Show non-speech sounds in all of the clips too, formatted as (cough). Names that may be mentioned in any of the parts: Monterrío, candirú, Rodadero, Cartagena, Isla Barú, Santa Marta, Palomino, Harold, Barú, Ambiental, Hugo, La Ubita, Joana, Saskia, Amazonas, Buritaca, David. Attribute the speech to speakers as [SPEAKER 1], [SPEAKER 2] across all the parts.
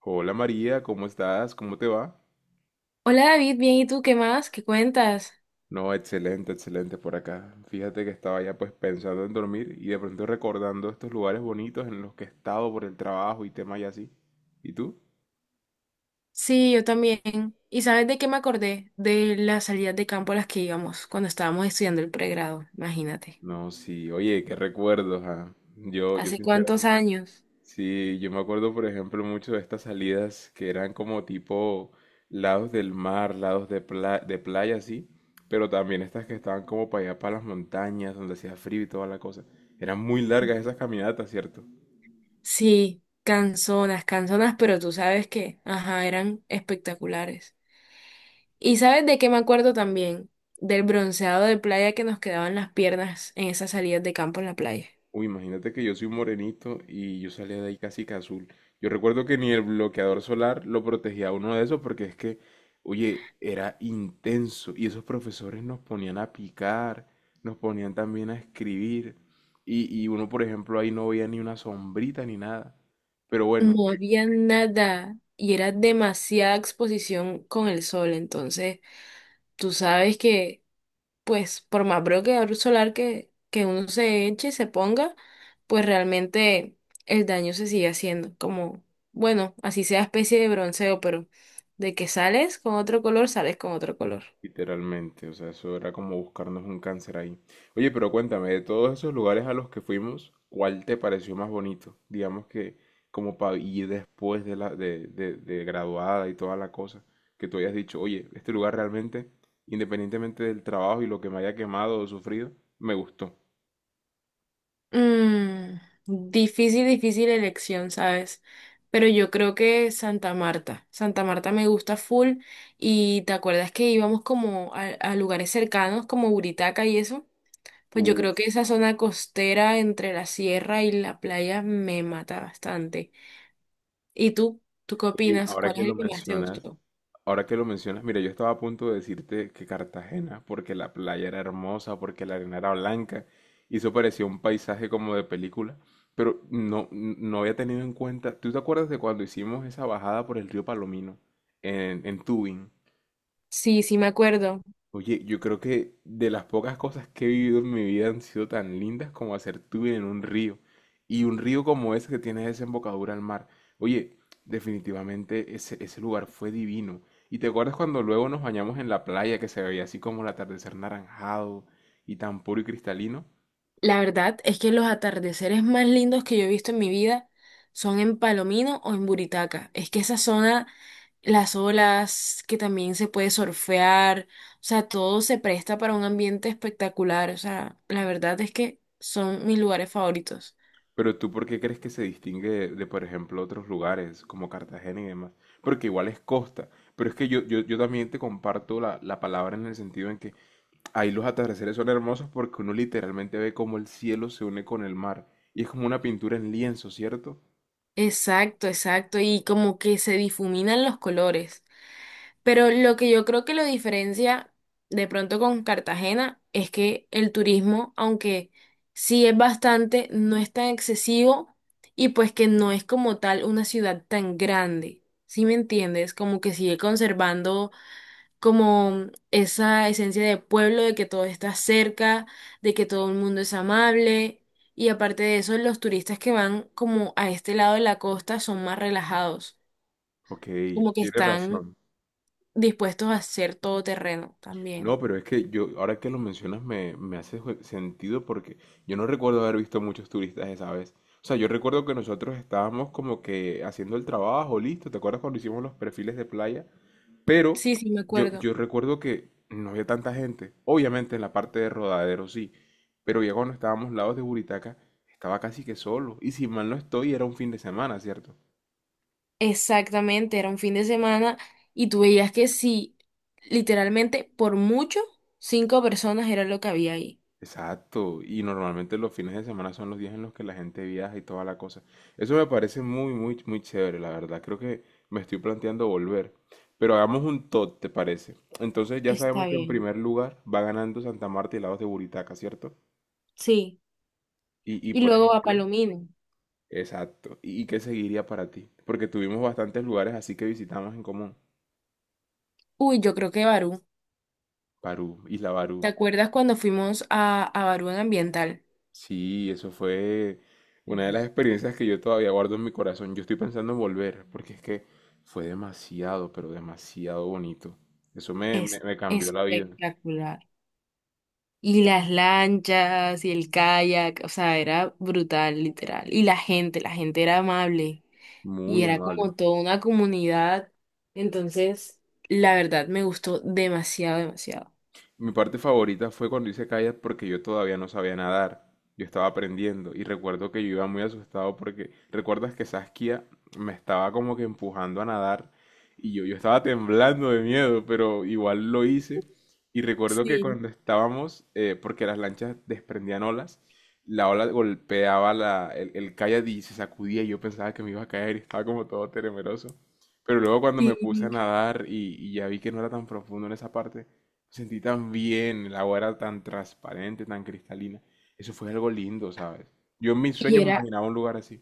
[SPEAKER 1] Hola María, ¿cómo estás? ¿Cómo te va?
[SPEAKER 2] Hola David, bien, ¿y tú qué más? ¿Qué cuentas?
[SPEAKER 1] No, excelente, excelente por acá. Fíjate que estaba ya pues pensando en dormir y de pronto recordando estos lugares bonitos en los que he estado por el trabajo y temas y así. ¿Y tú?
[SPEAKER 2] Sí, yo también. ¿Y sabes de qué me acordé? De las salidas de campo a las que íbamos cuando estábamos estudiando el pregrado, imagínate.
[SPEAKER 1] No, sí, oye, qué recuerdos, ah. Yo
[SPEAKER 2] ¿Hace cuántos
[SPEAKER 1] sinceramente.
[SPEAKER 2] años?
[SPEAKER 1] Sí, yo me acuerdo por ejemplo mucho de estas salidas que eran como tipo lados del mar, lados de playa, así, pero también estas que estaban como para allá, para las montañas, donde hacía frío y toda la cosa. Eran muy largas esas caminatas, ¿cierto?
[SPEAKER 2] Sí, canzonas, canzonas, pero tú sabes que, ajá, eran espectaculares. ¿Y sabes de qué me acuerdo también? Del bronceado de playa que nos quedaban las piernas en esas salidas de campo en la playa.
[SPEAKER 1] Uy, imagínate que yo soy un morenito y yo salía de ahí casi que azul. Yo recuerdo que ni el bloqueador solar lo protegía a uno de esos porque es que, oye, era intenso y esos profesores nos ponían a picar, nos ponían también a escribir y uno, por ejemplo, ahí no veía ni una sombrita ni nada. Pero bueno,
[SPEAKER 2] No había nada y era demasiada exposición con el sol, entonces tú sabes que, pues, por más bloqueador solar que uno se eche, se ponga, pues realmente el daño se sigue haciendo. Como, bueno, así sea especie de bronceo, pero de que sales con otro color, sales con otro color.
[SPEAKER 1] literalmente, o sea, eso era como buscarnos un cáncer ahí. Oye, pero cuéntame, de todos esos lugares a los que fuimos, ¿cuál te pareció más bonito? Digamos que como para ir después de la de graduada y toda la cosa, que tú hayas dicho, oye, este lugar realmente, independientemente del trabajo y lo que me haya quemado o sufrido, me gustó.
[SPEAKER 2] Mm, difícil, difícil elección, ¿sabes? Pero yo creo que Santa Marta. Santa Marta me gusta full. Y te acuerdas que íbamos como a lugares cercanos, como Buritaca y eso. Pues yo creo
[SPEAKER 1] Uf,
[SPEAKER 2] que esa zona costera entre la sierra y la playa me mata bastante. ¿Y tú? ¿Tú qué
[SPEAKER 1] oye,
[SPEAKER 2] opinas?
[SPEAKER 1] ahora
[SPEAKER 2] ¿Cuál es
[SPEAKER 1] que lo
[SPEAKER 2] el que más te
[SPEAKER 1] mencionas,
[SPEAKER 2] gustó?
[SPEAKER 1] ahora que lo mencionas, mira, yo estaba a punto de decirte que Cartagena, porque la playa era hermosa, porque la arena era blanca, y eso parecía un paisaje como de película, pero no, no había tenido en cuenta. ¿Tú te acuerdas de cuando hicimos esa bajada por el río Palomino en Tubing?
[SPEAKER 2] Sí, sí me acuerdo.
[SPEAKER 1] Oye, yo creo que de las pocas cosas que he vivido en mi vida han sido tan lindas como hacer tubing en un río. Y un río como ese que tiene desembocadura al mar. Oye, definitivamente ese lugar fue divino. ¿Y te acuerdas cuando luego nos bañamos en la playa que se veía así como el atardecer naranjado y tan puro y cristalino?
[SPEAKER 2] La verdad es que los atardeceres más lindos que yo he visto en mi vida son en Palomino o en Buritaca. Es que esa zona, las olas, que también se puede surfear, o sea, todo se presta para un ambiente espectacular. O sea, la verdad es que son mis lugares favoritos.
[SPEAKER 1] Pero tú, ¿por qué crees que se distingue de por ejemplo, otros lugares como Cartagena y demás? Porque igual es costa. Pero es que yo también te comparto la palabra en el sentido en que ahí los atardeceres son hermosos porque uno literalmente ve cómo el cielo se une con el mar. Y es como una pintura en lienzo, ¿cierto?
[SPEAKER 2] Exacto, exacto, y como que se difuminan los colores. Pero lo que yo creo que lo diferencia de pronto con Cartagena es que el turismo, aunque sí es bastante, no es tan excesivo y pues que no es como tal una ciudad tan grande. ¿Sí me entiendes? Como que sigue conservando como esa esencia de pueblo, de que todo está cerca, de que todo el mundo es amable. Y aparte de eso, los turistas que van como a este lado de la costa son más relajados,
[SPEAKER 1] Ok,
[SPEAKER 2] como que
[SPEAKER 1] tienes
[SPEAKER 2] están
[SPEAKER 1] razón.
[SPEAKER 2] dispuestos a hacer todo terreno también.
[SPEAKER 1] No, pero es que yo, ahora que lo mencionas, me hace sentido porque yo no recuerdo haber visto muchos turistas esa vez. O sea, yo recuerdo que nosotros estábamos como que haciendo el trabajo, listo. ¿Te acuerdas cuando hicimos los perfiles de playa? Pero
[SPEAKER 2] Sí, sí, me
[SPEAKER 1] yo,
[SPEAKER 2] acuerdo.
[SPEAKER 1] yo recuerdo que no había tanta gente. Obviamente en la parte de Rodadero sí, pero ya cuando estábamos lados de Buritaca, estaba casi que solo. Y si mal no estoy, era un fin de semana, ¿cierto?
[SPEAKER 2] Exactamente, era un fin de semana y tú veías que sí, literalmente por mucho, 5 personas era lo que había ahí.
[SPEAKER 1] Exacto. Y normalmente los fines de semana son los días en los que la gente viaja y toda la cosa. Eso me parece muy, muy, muy chévere, la verdad. Creo que me estoy planteando volver. Pero hagamos un tot, ¿te parece? Entonces ya
[SPEAKER 2] Está
[SPEAKER 1] sabemos que en
[SPEAKER 2] bien.
[SPEAKER 1] primer lugar va ganando Santa Marta y lados de Buritaca, ¿cierto?
[SPEAKER 2] Sí.
[SPEAKER 1] Y
[SPEAKER 2] Y
[SPEAKER 1] por
[SPEAKER 2] luego a
[SPEAKER 1] ejemplo,
[SPEAKER 2] Palomino.
[SPEAKER 1] exacto. ¿Y qué seguiría para ti? Porque tuvimos bastantes lugares así que visitamos en común.
[SPEAKER 2] Uy, yo creo que Barú.
[SPEAKER 1] Barú, Isla Barú.
[SPEAKER 2] ¿Te acuerdas cuando fuimos a Barú en Ambiental?
[SPEAKER 1] Sí, eso fue una de
[SPEAKER 2] Ujú.
[SPEAKER 1] las experiencias que yo todavía guardo en mi corazón. Yo estoy pensando en volver, porque es que fue demasiado, pero demasiado bonito. Eso me, me,
[SPEAKER 2] Es
[SPEAKER 1] me cambió la vida.
[SPEAKER 2] espectacular. Y las lanchas y el kayak, o sea, era brutal, literal. Y la gente era amable y
[SPEAKER 1] Muy
[SPEAKER 2] era
[SPEAKER 1] amable.
[SPEAKER 2] como toda una comunidad. Entonces, la verdad me gustó demasiado, demasiado.
[SPEAKER 1] Mi parte favorita fue cuando hice kayak porque yo todavía no sabía nadar. Yo estaba aprendiendo y recuerdo que yo iba muy asustado porque recuerdas que Saskia me estaba como que empujando a nadar y yo estaba temblando de miedo, pero igual lo hice. Y recuerdo que
[SPEAKER 2] Sí,
[SPEAKER 1] cuando estábamos, porque las lanchas desprendían olas, la ola golpeaba el kayak y se sacudía y yo pensaba que me iba a caer y estaba como todo temeroso. Pero luego cuando me puse a
[SPEAKER 2] sí.
[SPEAKER 1] nadar y ya vi que no era tan profundo en esa parte, sentí tan bien, el agua era tan transparente, tan cristalina. Eso fue algo lindo, ¿sabes? Yo en mis
[SPEAKER 2] Y
[SPEAKER 1] sueños me
[SPEAKER 2] era,
[SPEAKER 1] imaginaba un lugar así.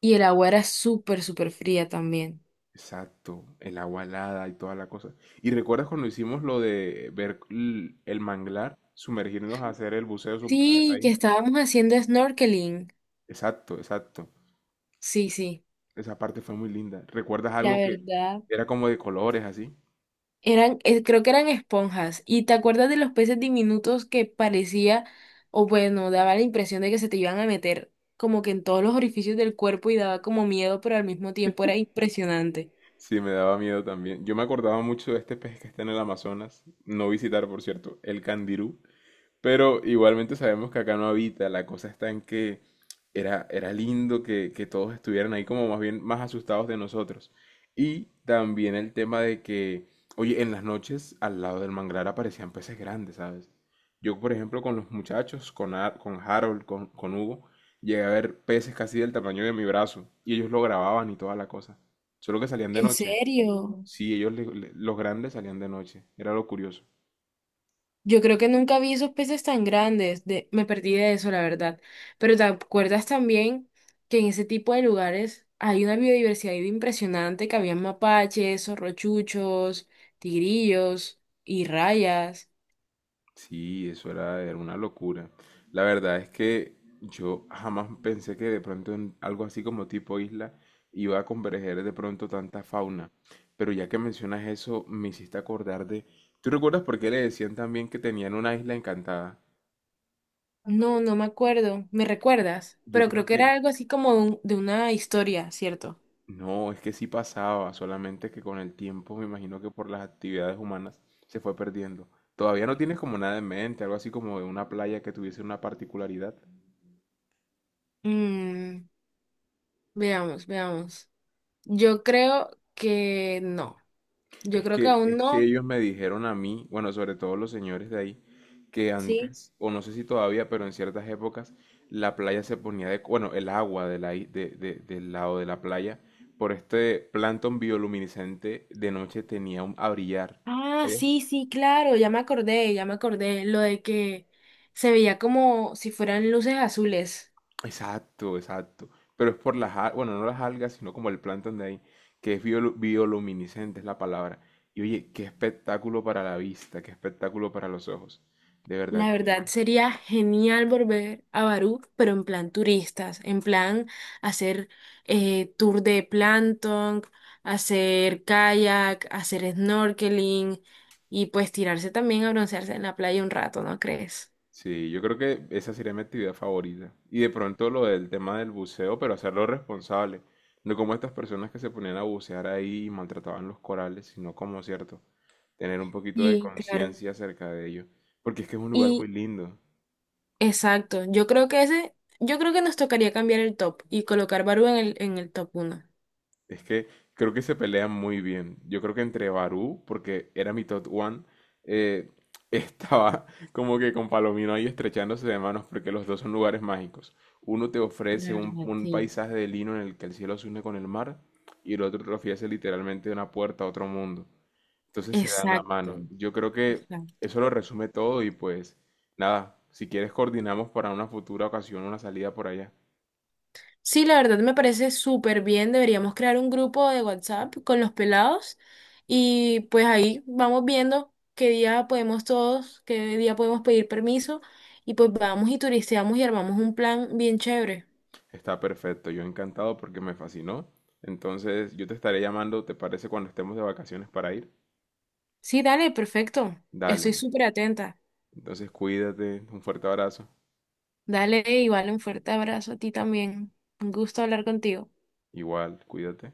[SPEAKER 2] y el agua era súper, súper fría también.
[SPEAKER 1] Exacto, el agua helada y toda la cosa. ¿Y recuerdas cuando hicimos lo de ver el manglar, sumergirnos a hacer el buceo
[SPEAKER 2] Sí, que
[SPEAKER 1] ahí?
[SPEAKER 2] estábamos haciendo snorkeling.
[SPEAKER 1] Exacto, exacto.
[SPEAKER 2] Sí, sí.
[SPEAKER 1] Esa parte fue muy linda. ¿Recuerdas
[SPEAKER 2] La
[SPEAKER 1] algo que
[SPEAKER 2] verdad.
[SPEAKER 1] era como de colores así?
[SPEAKER 2] Eran, creo que eran esponjas. ¿Y te acuerdas de los peces diminutos que parecía, o bueno, daba la impresión de que se te iban a meter como que en todos los orificios del cuerpo y daba como miedo, pero al mismo tiempo era impresionante?
[SPEAKER 1] Sí, me daba miedo también. Yo me acordaba mucho de este pez que está en el Amazonas. No visitar, por cierto, el candirú. Pero igualmente sabemos que acá no habita, la cosa está en que era, era lindo que todos estuvieran ahí como más bien más asustados de nosotros. Y también el tema de que, oye, en las noches al lado del manglar aparecían peces grandes, ¿sabes? Yo, por ejemplo, con los muchachos, con, con Harold, con Hugo, llegué a ver peces casi del tamaño de mi brazo y ellos lo grababan y toda la cosa. Solo que salían de
[SPEAKER 2] ¿En
[SPEAKER 1] noche.
[SPEAKER 2] serio?
[SPEAKER 1] Sí, ellos, los grandes salían de noche. Era lo curioso.
[SPEAKER 2] Yo creo que nunca vi esos peces tan grandes, de, me perdí de eso, la verdad. Pero ¿te acuerdas también que en ese tipo de lugares hay una biodiversidad impresionante, que había mapaches, zorrochuchos, tigrillos y rayas?
[SPEAKER 1] Sí, eso era, era una locura. La verdad es que yo jamás pensé que de pronto en algo así como tipo isla iba a converger de pronto tanta fauna. Pero ya que mencionas eso, me hiciste acordar de... ¿Tú recuerdas por qué le decían también que tenían una isla encantada?
[SPEAKER 2] No, no me acuerdo. ¿Me recuerdas?
[SPEAKER 1] Yo
[SPEAKER 2] Pero creo
[SPEAKER 1] creo
[SPEAKER 2] que era
[SPEAKER 1] que...
[SPEAKER 2] algo así como de, un- de una historia, ¿cierto?
[SPEAKER 1] No, es que sí pasaba, solamente que con el tiempo me imagino que por las actividades humanas se fue perdiendo. ¿Todavía no tienes como nada en mente, algo así como de una playa que tuviese una particularidad?
[SPEAKER 2] Mm, veamos, veamos. Yo creo que no. Yo
[SPEAKER 1] Es
[SPEAKER 2] creo que
[SPEAKER 1] que,
[SPEAKER 2] aún
[SPEAKER 1] es que
[SPEAKER 2] no.
[SPEAKER 1] ellos me dijeron a mí, bueno, sobre todo los señores de ahí, que
[SPEAKER 2] Sí.
[SPEAKER 1] antes, o no sé si todavía, pero en ciertas épocas, la playa se ponía de, bueno, el agua de del lado de la playa, por este plancton bioluminiscente de noche tenía un, a brillar.
[SPEAKER 2] Ah,
[SPEAKER 1] ¿Sabías?
[SPEAKER 2] sí, sí, claro. Ya me acordé, ya me acordé. Lo de que se veía como si fueran luces azules.
[SPEAKER 1] Exacto, exacto. Pero es por las, bueno, no las algas, sino como el plancton de ahí, que es bioluminiscente, es la palabra. Y oye, qué espectáculo para la vista, qué espectáculo para los ojos. De verdad,
[SPEAKER 2] La verdad sería genial volver a Barú, pero en plan turistas, en plan hacer tour de plancton, hacer kayak, hacer snorkeling y pues tirarse también a broncearse en la playa un rato, ¿no crees?
[SPEAKER 1] sí, yo creo que esa sería mi actividad favorita. Y de pronto lo del tema del buceo, pero hacerlo responsable. No como estas personas que se ponían a bucear ahí y maltrataban los corales, sino como, cierto, tener un poquito de
[SPEAKER 2] Sí, claro.
[SPEAKER 1] conciencia acerca de ello. Porque es que es un lugar muy
[SPEAKER 2] Y
[SPEAKER 1] lindo.
[SPEAKER 2] exacto, yo creo que ese, yo creo que nos tocaría cambiar el top y colocar Barú en el top 1.
[SPEAKER 1] Es que creo que se pelean muy bien. Yo creo que entre Barú, porque era mi top one, eh, (laughs) estaba como que con Palomino ahí estrechándose de manos, porque los dos son lugares mágicos. Uno te
[SPEAKER 2] La
[SPEAKER 1] ofrece un,
[SPEAKER 2] verdad,
[SPEAKER 1] un
[SPEAKER 2] sí.
[SPEAKER 1] paisaje de lino en el que el cielo se une con el mar, y el otro te ofrece literalmente una puerta a otro mundo. Entonces se dan la
[SPEAKER 2] Exacto,
[SPEAKER 1] mano. Yo creo que
[SPEAKER 2] exacto.
[SPEAKER 1] eso lo resume todo y pues nada, si quieres coordinamos para una futura ocasión una salida por allá.
[SPEAKER 2] Sí, la verdad me parece súper bien. Deberíamos crear un grupo de WhatsApp con los pelados y pues ahí vamos viendo qué día podemos todos, qué día podemos pedir permiso y pues vamos y turisteamos y armamos un plan bien chévere.
[SPEAKER 1] Está perfecto, yo encantado porque me fascinó. Entonces, yo te estaré llamando, ¿te parece cuando estemos de vacaciones para ir?
[SPEAKER 2] Sí, dale, perfecto.
[SPEAKER 1] Dale.
[SPEAKER 2] Estoy súper atenta.
[SPEAKER 1] Entonces, cuídate, un fuerte abrazo.
[SPEAKER 2] Dale, igual un fuerte abrazo a ti también. Un gusto hablar contigo.
[SPEAKER 1] Igual, cuídate.